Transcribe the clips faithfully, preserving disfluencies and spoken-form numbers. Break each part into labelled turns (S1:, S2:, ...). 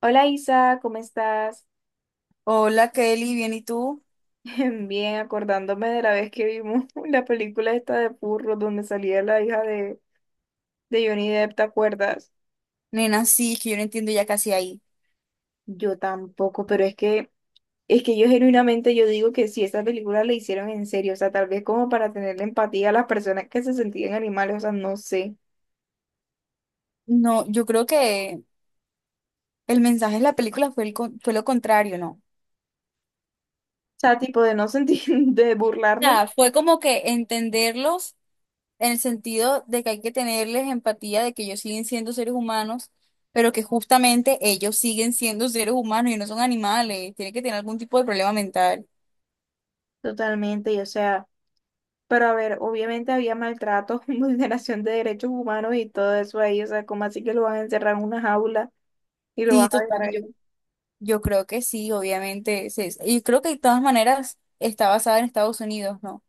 S1: Hola Isa, ¿cómo estás?
S2: Hola Kelly, bien, ¿y tú?
S1: Bien, acordándome de la vez que vimos la película esta de Purro, donde salía la hija de, de Johnny Depp, ¿te acuerdas?
S2: Nena, sí, es que yo no entiendo ya casi ahí.
S1: Yo tampoco, pero es que, es que yo genuinamente yo digo que si esa película la hicieron en serio, o sea, tal vez como para tenerle empatía a las personas que se sentían animales, o sea, no sé.
S2: No, yo creo que el mensaje de la película fue, el con- fue lo contrario, ¿no?
S1: O sea, tipo de no sentir, de burlarnos
S2: Nada, fue como que entenderlos en el sentido de que hay que tenerles empatía de que ellos siguen siendo seres humanos, pero que justamente ellos siguen siendo seres humanos y no son animales, tienen que tener algún tipo de problema mental.
S1: totalmente, y o sea, pero a ver, obviamente había maltrato, vulneración de derechos humanos y todo eso ahí, o sea, como así que, ¿lo van a encerrar en una jaula? Y lo
S2: Sí,
S1: vas a
S2: total,
S1: dejar
S2: yo,
S1: ahí.
S2: yo creo que sí, obviamente. se- Y creo que de todas maneras está basada en Estados Unidos, ¿no?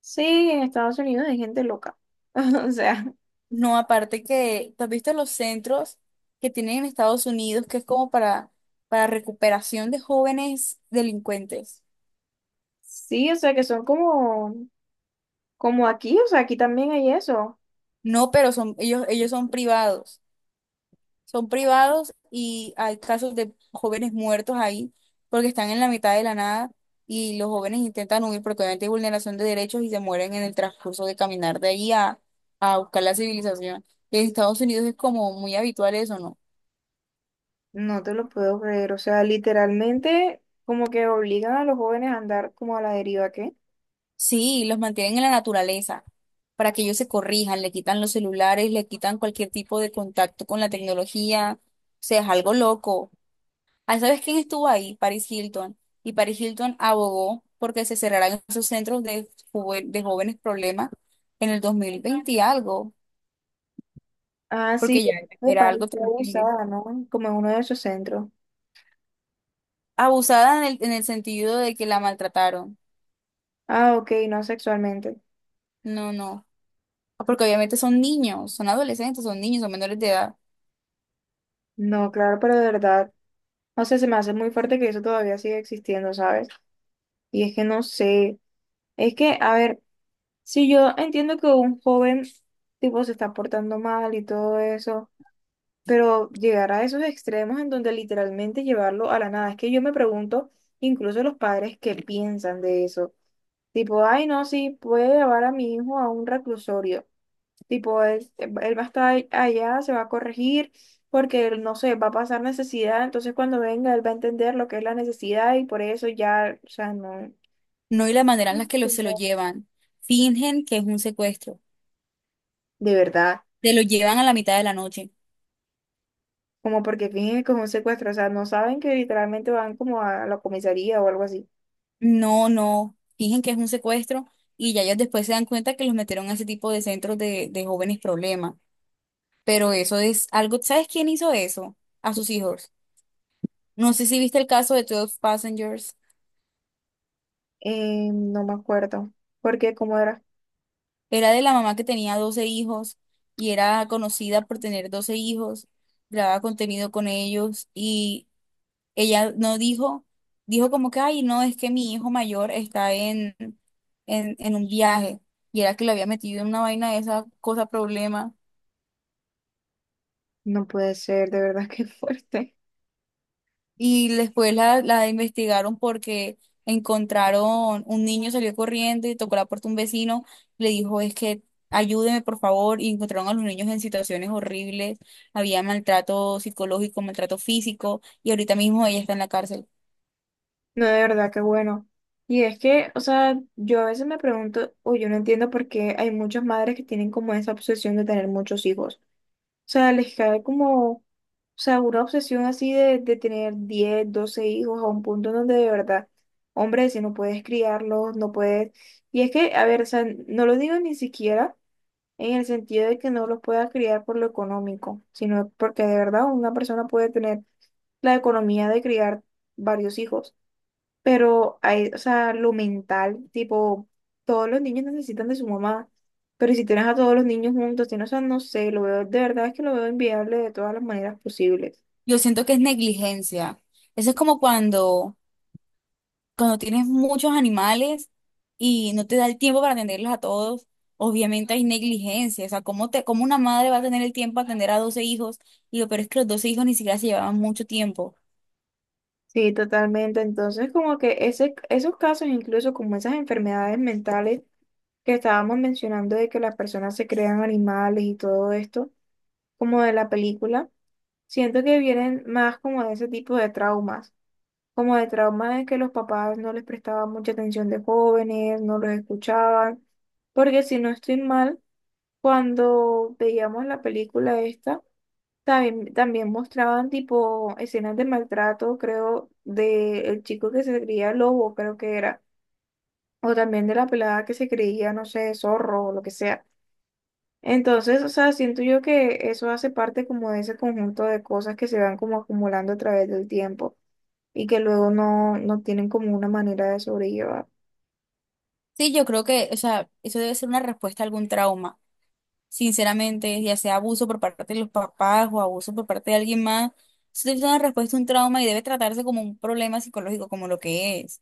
S1: Sí, en Estados Unidos hay gente loca. O sea,
S2: No, aparte que, ¿tú has visto los centros que tienen en Estados Unidos que es como para, para recuperación de jóvenes delincuentes?
S1: sí, o sea que son como, como aquí, o sea, aquí también hay eso.
S2: No, pero son, ellos, ellos son privados. Son privados y hay casos de jóvenes muertos ahí porque están en la mitad de la nada y los jóvenes intentan huir porque obviamente hay vulneración de derechos y se mueren en el transcurso de caminar de ahí a, a buscar la civilización. Y en Estados Unidos es como muy habitual eso, ¿no?
S1: No te lo puedo creer, o sea, literalmente como que obligan a los jóvenes a andar como a la deriva, ¿qué?
S2: Sí, los mantienen en la naturaleza para que ellos se corrijan, le quitan los celulares, le quitan cualquier tipo de contacto con la tecnología. O sea, es algo loco. Ah, ¿sabes quién estuvo ahí? Paris Hilton. Y Paris Hilton abogó porque se cerraran esos centros de, juve- de jóvenes problemas en el dos mil veinte y algo,
S1: Ah, sí,
S2: porque
S1: yo
S2: ya
S1: me
S2: era algo
S1: pareció
S2: terrible.
S1: abusada, ¿no? Como en uno de esos centros.
S2: Abusada en el, en el sentido de que la maltrataron.
S1: Ah, ok, no sexualmente.
S2: No, no. Porque obviamente son niños, son adolescentes, son niños, son menores de edad.
S1: No, claro, pero de verdad, o sea, se me hace muy fuerte que eso todavía siga existiendo, ¿sabes? Y es que no sé, es que, a ver. Sí, yo entiendo que un joven tipo se está portando mal y todo eso, pero llegar a esos extremos en donde literalmente llevarlo a la nada, es que yo me pregunto, incluso los padres, ¿qué piensan de eso? Tipo, ay, no, sí, puede llevar a mi hijo a un reclusorio. Tipo, él, él va a estar allá, se va a corregir, porque él, no sé, va a pasar necesidad, entonces cuando venga él va a entender lo que es la necesidad y por eso ya, o sea, no,
S2: No, y la manera en la que lo, se lo
S1: no,
S2: llevan. Fingen que es un secuestro.
S1: de verdad.
S2: Se lo llevan a la mitad de la noche.
S1: Como porque fingen que es un secuestro, o sea, no saben que literalmente van como a la comisaría o algo así.
S2: No, no. Fingen que es un secuestro y ya ellos después se dan cuenta que los metieron a ese tipo de centros de, de jóvenes problemas. Pero eso es algo. ¿Sabes quién hizo eso? A sus hijos. No sé si viste el caso de twelve Passengers.
S1: Eh, no me acuerdo, porque cómo era,
S2: Era de la mamá que tenía doce hijos y era conocida por tener doce hijos. Grababa contenido con ellos y ella no dijo, dijo como que, ay, no, es que mi hijo mayor está en, en, en un viaje y era que lo había metido en una vaina de esa cosa problema.
S1: no puede ser, de verdad que fuerte,
S2: Y después la, la investigaron porque encontraron, un niño salió corriendo y tocó la puerta un vecino, le dijo, es que ayúdeme por favor, y encontraron a los niños en situaciones horribles, había maltrato psicológico, maltrato físico, y ahorita mismo ella está en la cárcel.
S1: no, de verdad que bueno. Y es que, o sea, yo a veces me pregunto, o yo no entiendo por qué hay muchas madres que tienen como esa obsesión de tener muchos hijos. O sea, les cae como, o sea, una obsesión así de, de tener diez doce hijos a un punto en donde de verdad, hombre, si no puedes criarlos, no puedes. Y es que, a ver, o sea, no lo digo ni siquiera en el sentido de que no los pueda criar por lo económico, sino porque de verdad una persona puede tener la economía de criar varios hijos, pero hay, o sea, lo mental, tipo, todos los niños necesitan de su mamá, pero si tienes a todos los niños juntos, tienes, o sea, no sé, lo veo, de verdad es que lo veo inviable de todas las maneras posibles.
S2: Yo siento que es negligencia. Eso es como cuando cuando tienes muchos animales y no te da el tiempo para atenderlos a todos, obviamente hay negligencia. O sea, ¿cómo te, cómo una madre va a tener el tiempo para atender a doce hijos? Y lo peor es que los doce hijos ni siquiera se llevaban mucho tiempo.
S1: Sí, totalmente. Entonces, como que ese, esos casos, incluso como esas enfermedades mentales que estábamos mencionando de que las personas se crean animales y todo esto, como de la película, siento que vienen más como de ese tipo de traumas. Como de trauma de que los papás no les prestaban mucha atención de jóvenes, no los escuchaban, porque si no estoy mal, cuando veíamos la película esta, también, también mostraban tipo escenas de maltrato, creo, de el chico que se creía lobo, creo que era, o también de la pelada que se creía, no sé, zorro o lo que sea. Entonces, o sea, siento yo que eso hace parte como de ese conjunto de cosas que se van como acumulando a través del tiempo y que luego no, no tienen como una manera de sobrellevar.
S2: Sí, yo creo que, o sea, eso debe ser una respuesta a algún trauma. Sinceramente, ya sea abuso por parte de los papás o abuso por parte de alguien más, eso es una respuesta a un trauma y debe tratarse como un problema psicológico, como lo que es,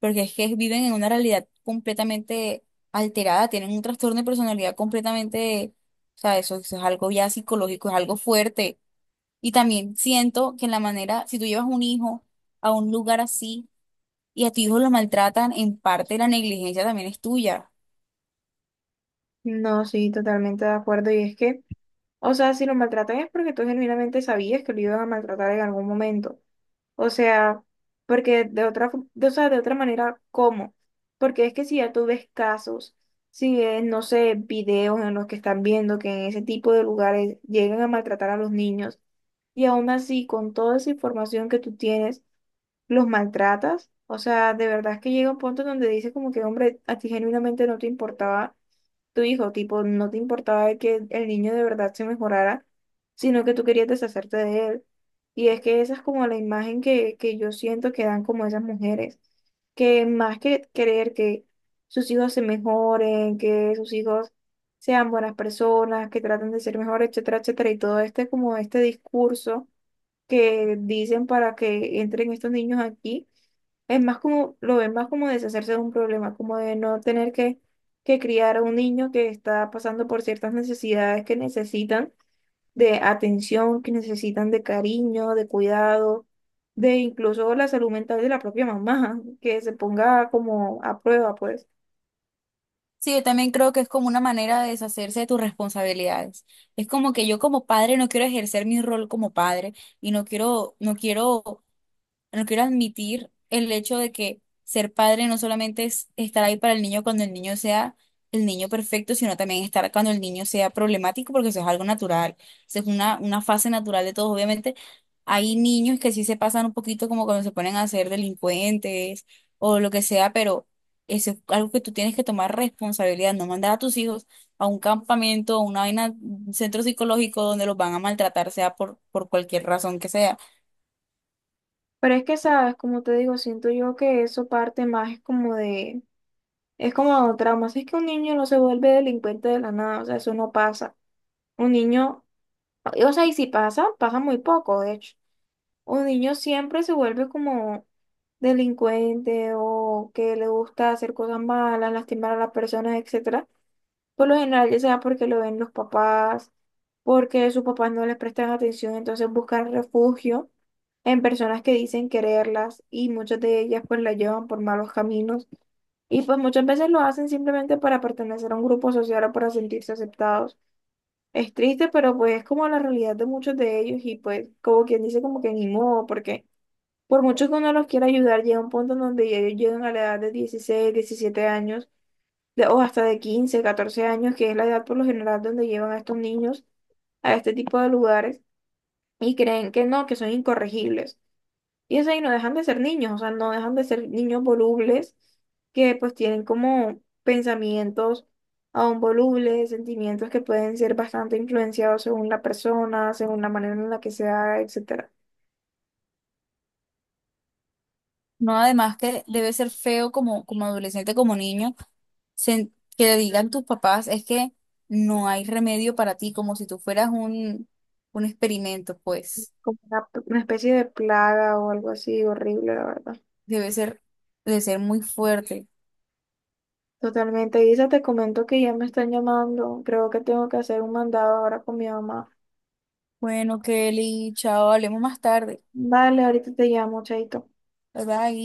S2: porque es que viven en una realidad completamente alterada, tienen un trastorno de personalidad completamente, o sea, eso, eso es algo ya psicológico, es algo fuerte. Y también siento que en la manera, si tú llevas un hijo a un lugar así y a tu hijo lo maltratan, en parte la negligencia también es tuya.
S1: No, sí, totalmente de acuerdo. Y es que, o sea, si lo maltratan es porque tú genuinamente sabías que lo iban a maltratar en algún momento. O sea, porque de otra, fo- de, o sea, de otra manera, ¿cómo? Porque es que si ya tú ves casos, si ves, no sé, videos en los que están viendo que en ese tipo de lugares llegan a maltratar a los niños, y aún así, con toda esa información que tú tienes, los maltratas. O sea, de verdad es que llega un punto donde dices como que, hombre, a ti genuinamente no te importaba tu hijo, tipo, no te importaba que el niño de verdad se mejorara, sino que tú querías deshacerte de él. Y es que esa es como la imagen que, que yo siento que dan como esas mujeres, que más que querer que sus hijos se mejoren, que sus hijos sean buenas personas, que traten de ser mejores, etcétera, etcétera, y todo este como este discurso que dicen para que entren estos niños aquí. Es más como, lo ven más como deshacerse de un problema, como de no tener que, que criar a un niño que está pasando por ciertas necesidades que necesitan de atención, que necesitan de cariño, de cuidado, de incluso la salud mental de la propia mamá, que se ponga como a prueba, pues.
S2: Sí, yo también creo que es como una manera de deshacerse de tus responsabilidades. Es como que yo como padre no quiero ejercer mi rol como padre y no quiero, no quiero no quiero admitir el hecho de que ser padre no solamente es estar ahí para el niño cuando el niño sea el niño perfecto, sino también estar cuando el niño sea problemático, porque eso es algo natural, eso es una, una fase natural de todos. Obviamente, hay niños que sí se pasan un poquito como cuando se ponen a ser delincuentes o lo que sea, pero eso es algo que tú tienes que tomar responsabilidad, no mandar a tus hijos a un campamento, a una vaina, un centro psicológico donde los van a maltratar, sea por, por cualquier razón que sea.
S1: Pero es que, sabes, como te digo, siento yo que eso parte más es como de, es como traumas, es que un niño no se vuelve delincuente de la nada, o sea, eso no pasa. Un niño, o sea, y si pasa, pasa muy poco, de hecho. Un niño siempre se vuelve como delincuente o que le gusta hacer cosas malas, lastimar a las personas, etcétera. Por lo general, ya sea porque lo ven los papás, porque sus papás no les prestan atención, entonces buscan refugio en personas que dicen quererlas y muchas de ellas pues la llevan por malos caminos. Y pues muchas veces lo hacen simplemente para pertenecer a un grupo social o para sentirse aceptados. Es triste, pero pues es como la realidad de muchos de ellos y pues como quien dice como que ni modo, porque por mucho que uno los quiera ayudar, llega un punto en donde ya ellos llegan a la edad de dieciséis diecisiete años, de- o hasta de quince catorce años, que es la edad por lo general donde llevan a estos niños a este tipo de lugares y creen que no, que son incorregibles. Y es ahí, no dejan de ser niños, o sea, no dejan de ser niños volubles que pues tienen como pensamientos aún volubles, sentimientos que pueden ser bastante influenciados según la persona, según la manera en la que sea, etcétera.
S2: No, además que debe ser feo como, como adolescente, como niño, sen- que le digan tus papás, es que no hay remedio para ti, como si tú fueras un, un experimento, pues.
S1: Como una, una especie de plaga o algo así horrible, la verdad.
S2: Debe ser, debe ser muy fuerte.
S1: Totalmente, Isa, te comento que ya me están llamando. Creo que tengo que hacer un mandado ahora con mi mamá.
S2: Bueno, Kelly, chao, hablemos más tarde.
S1: Vale, ahorita te llamo, chaito.
S2: Bye bye.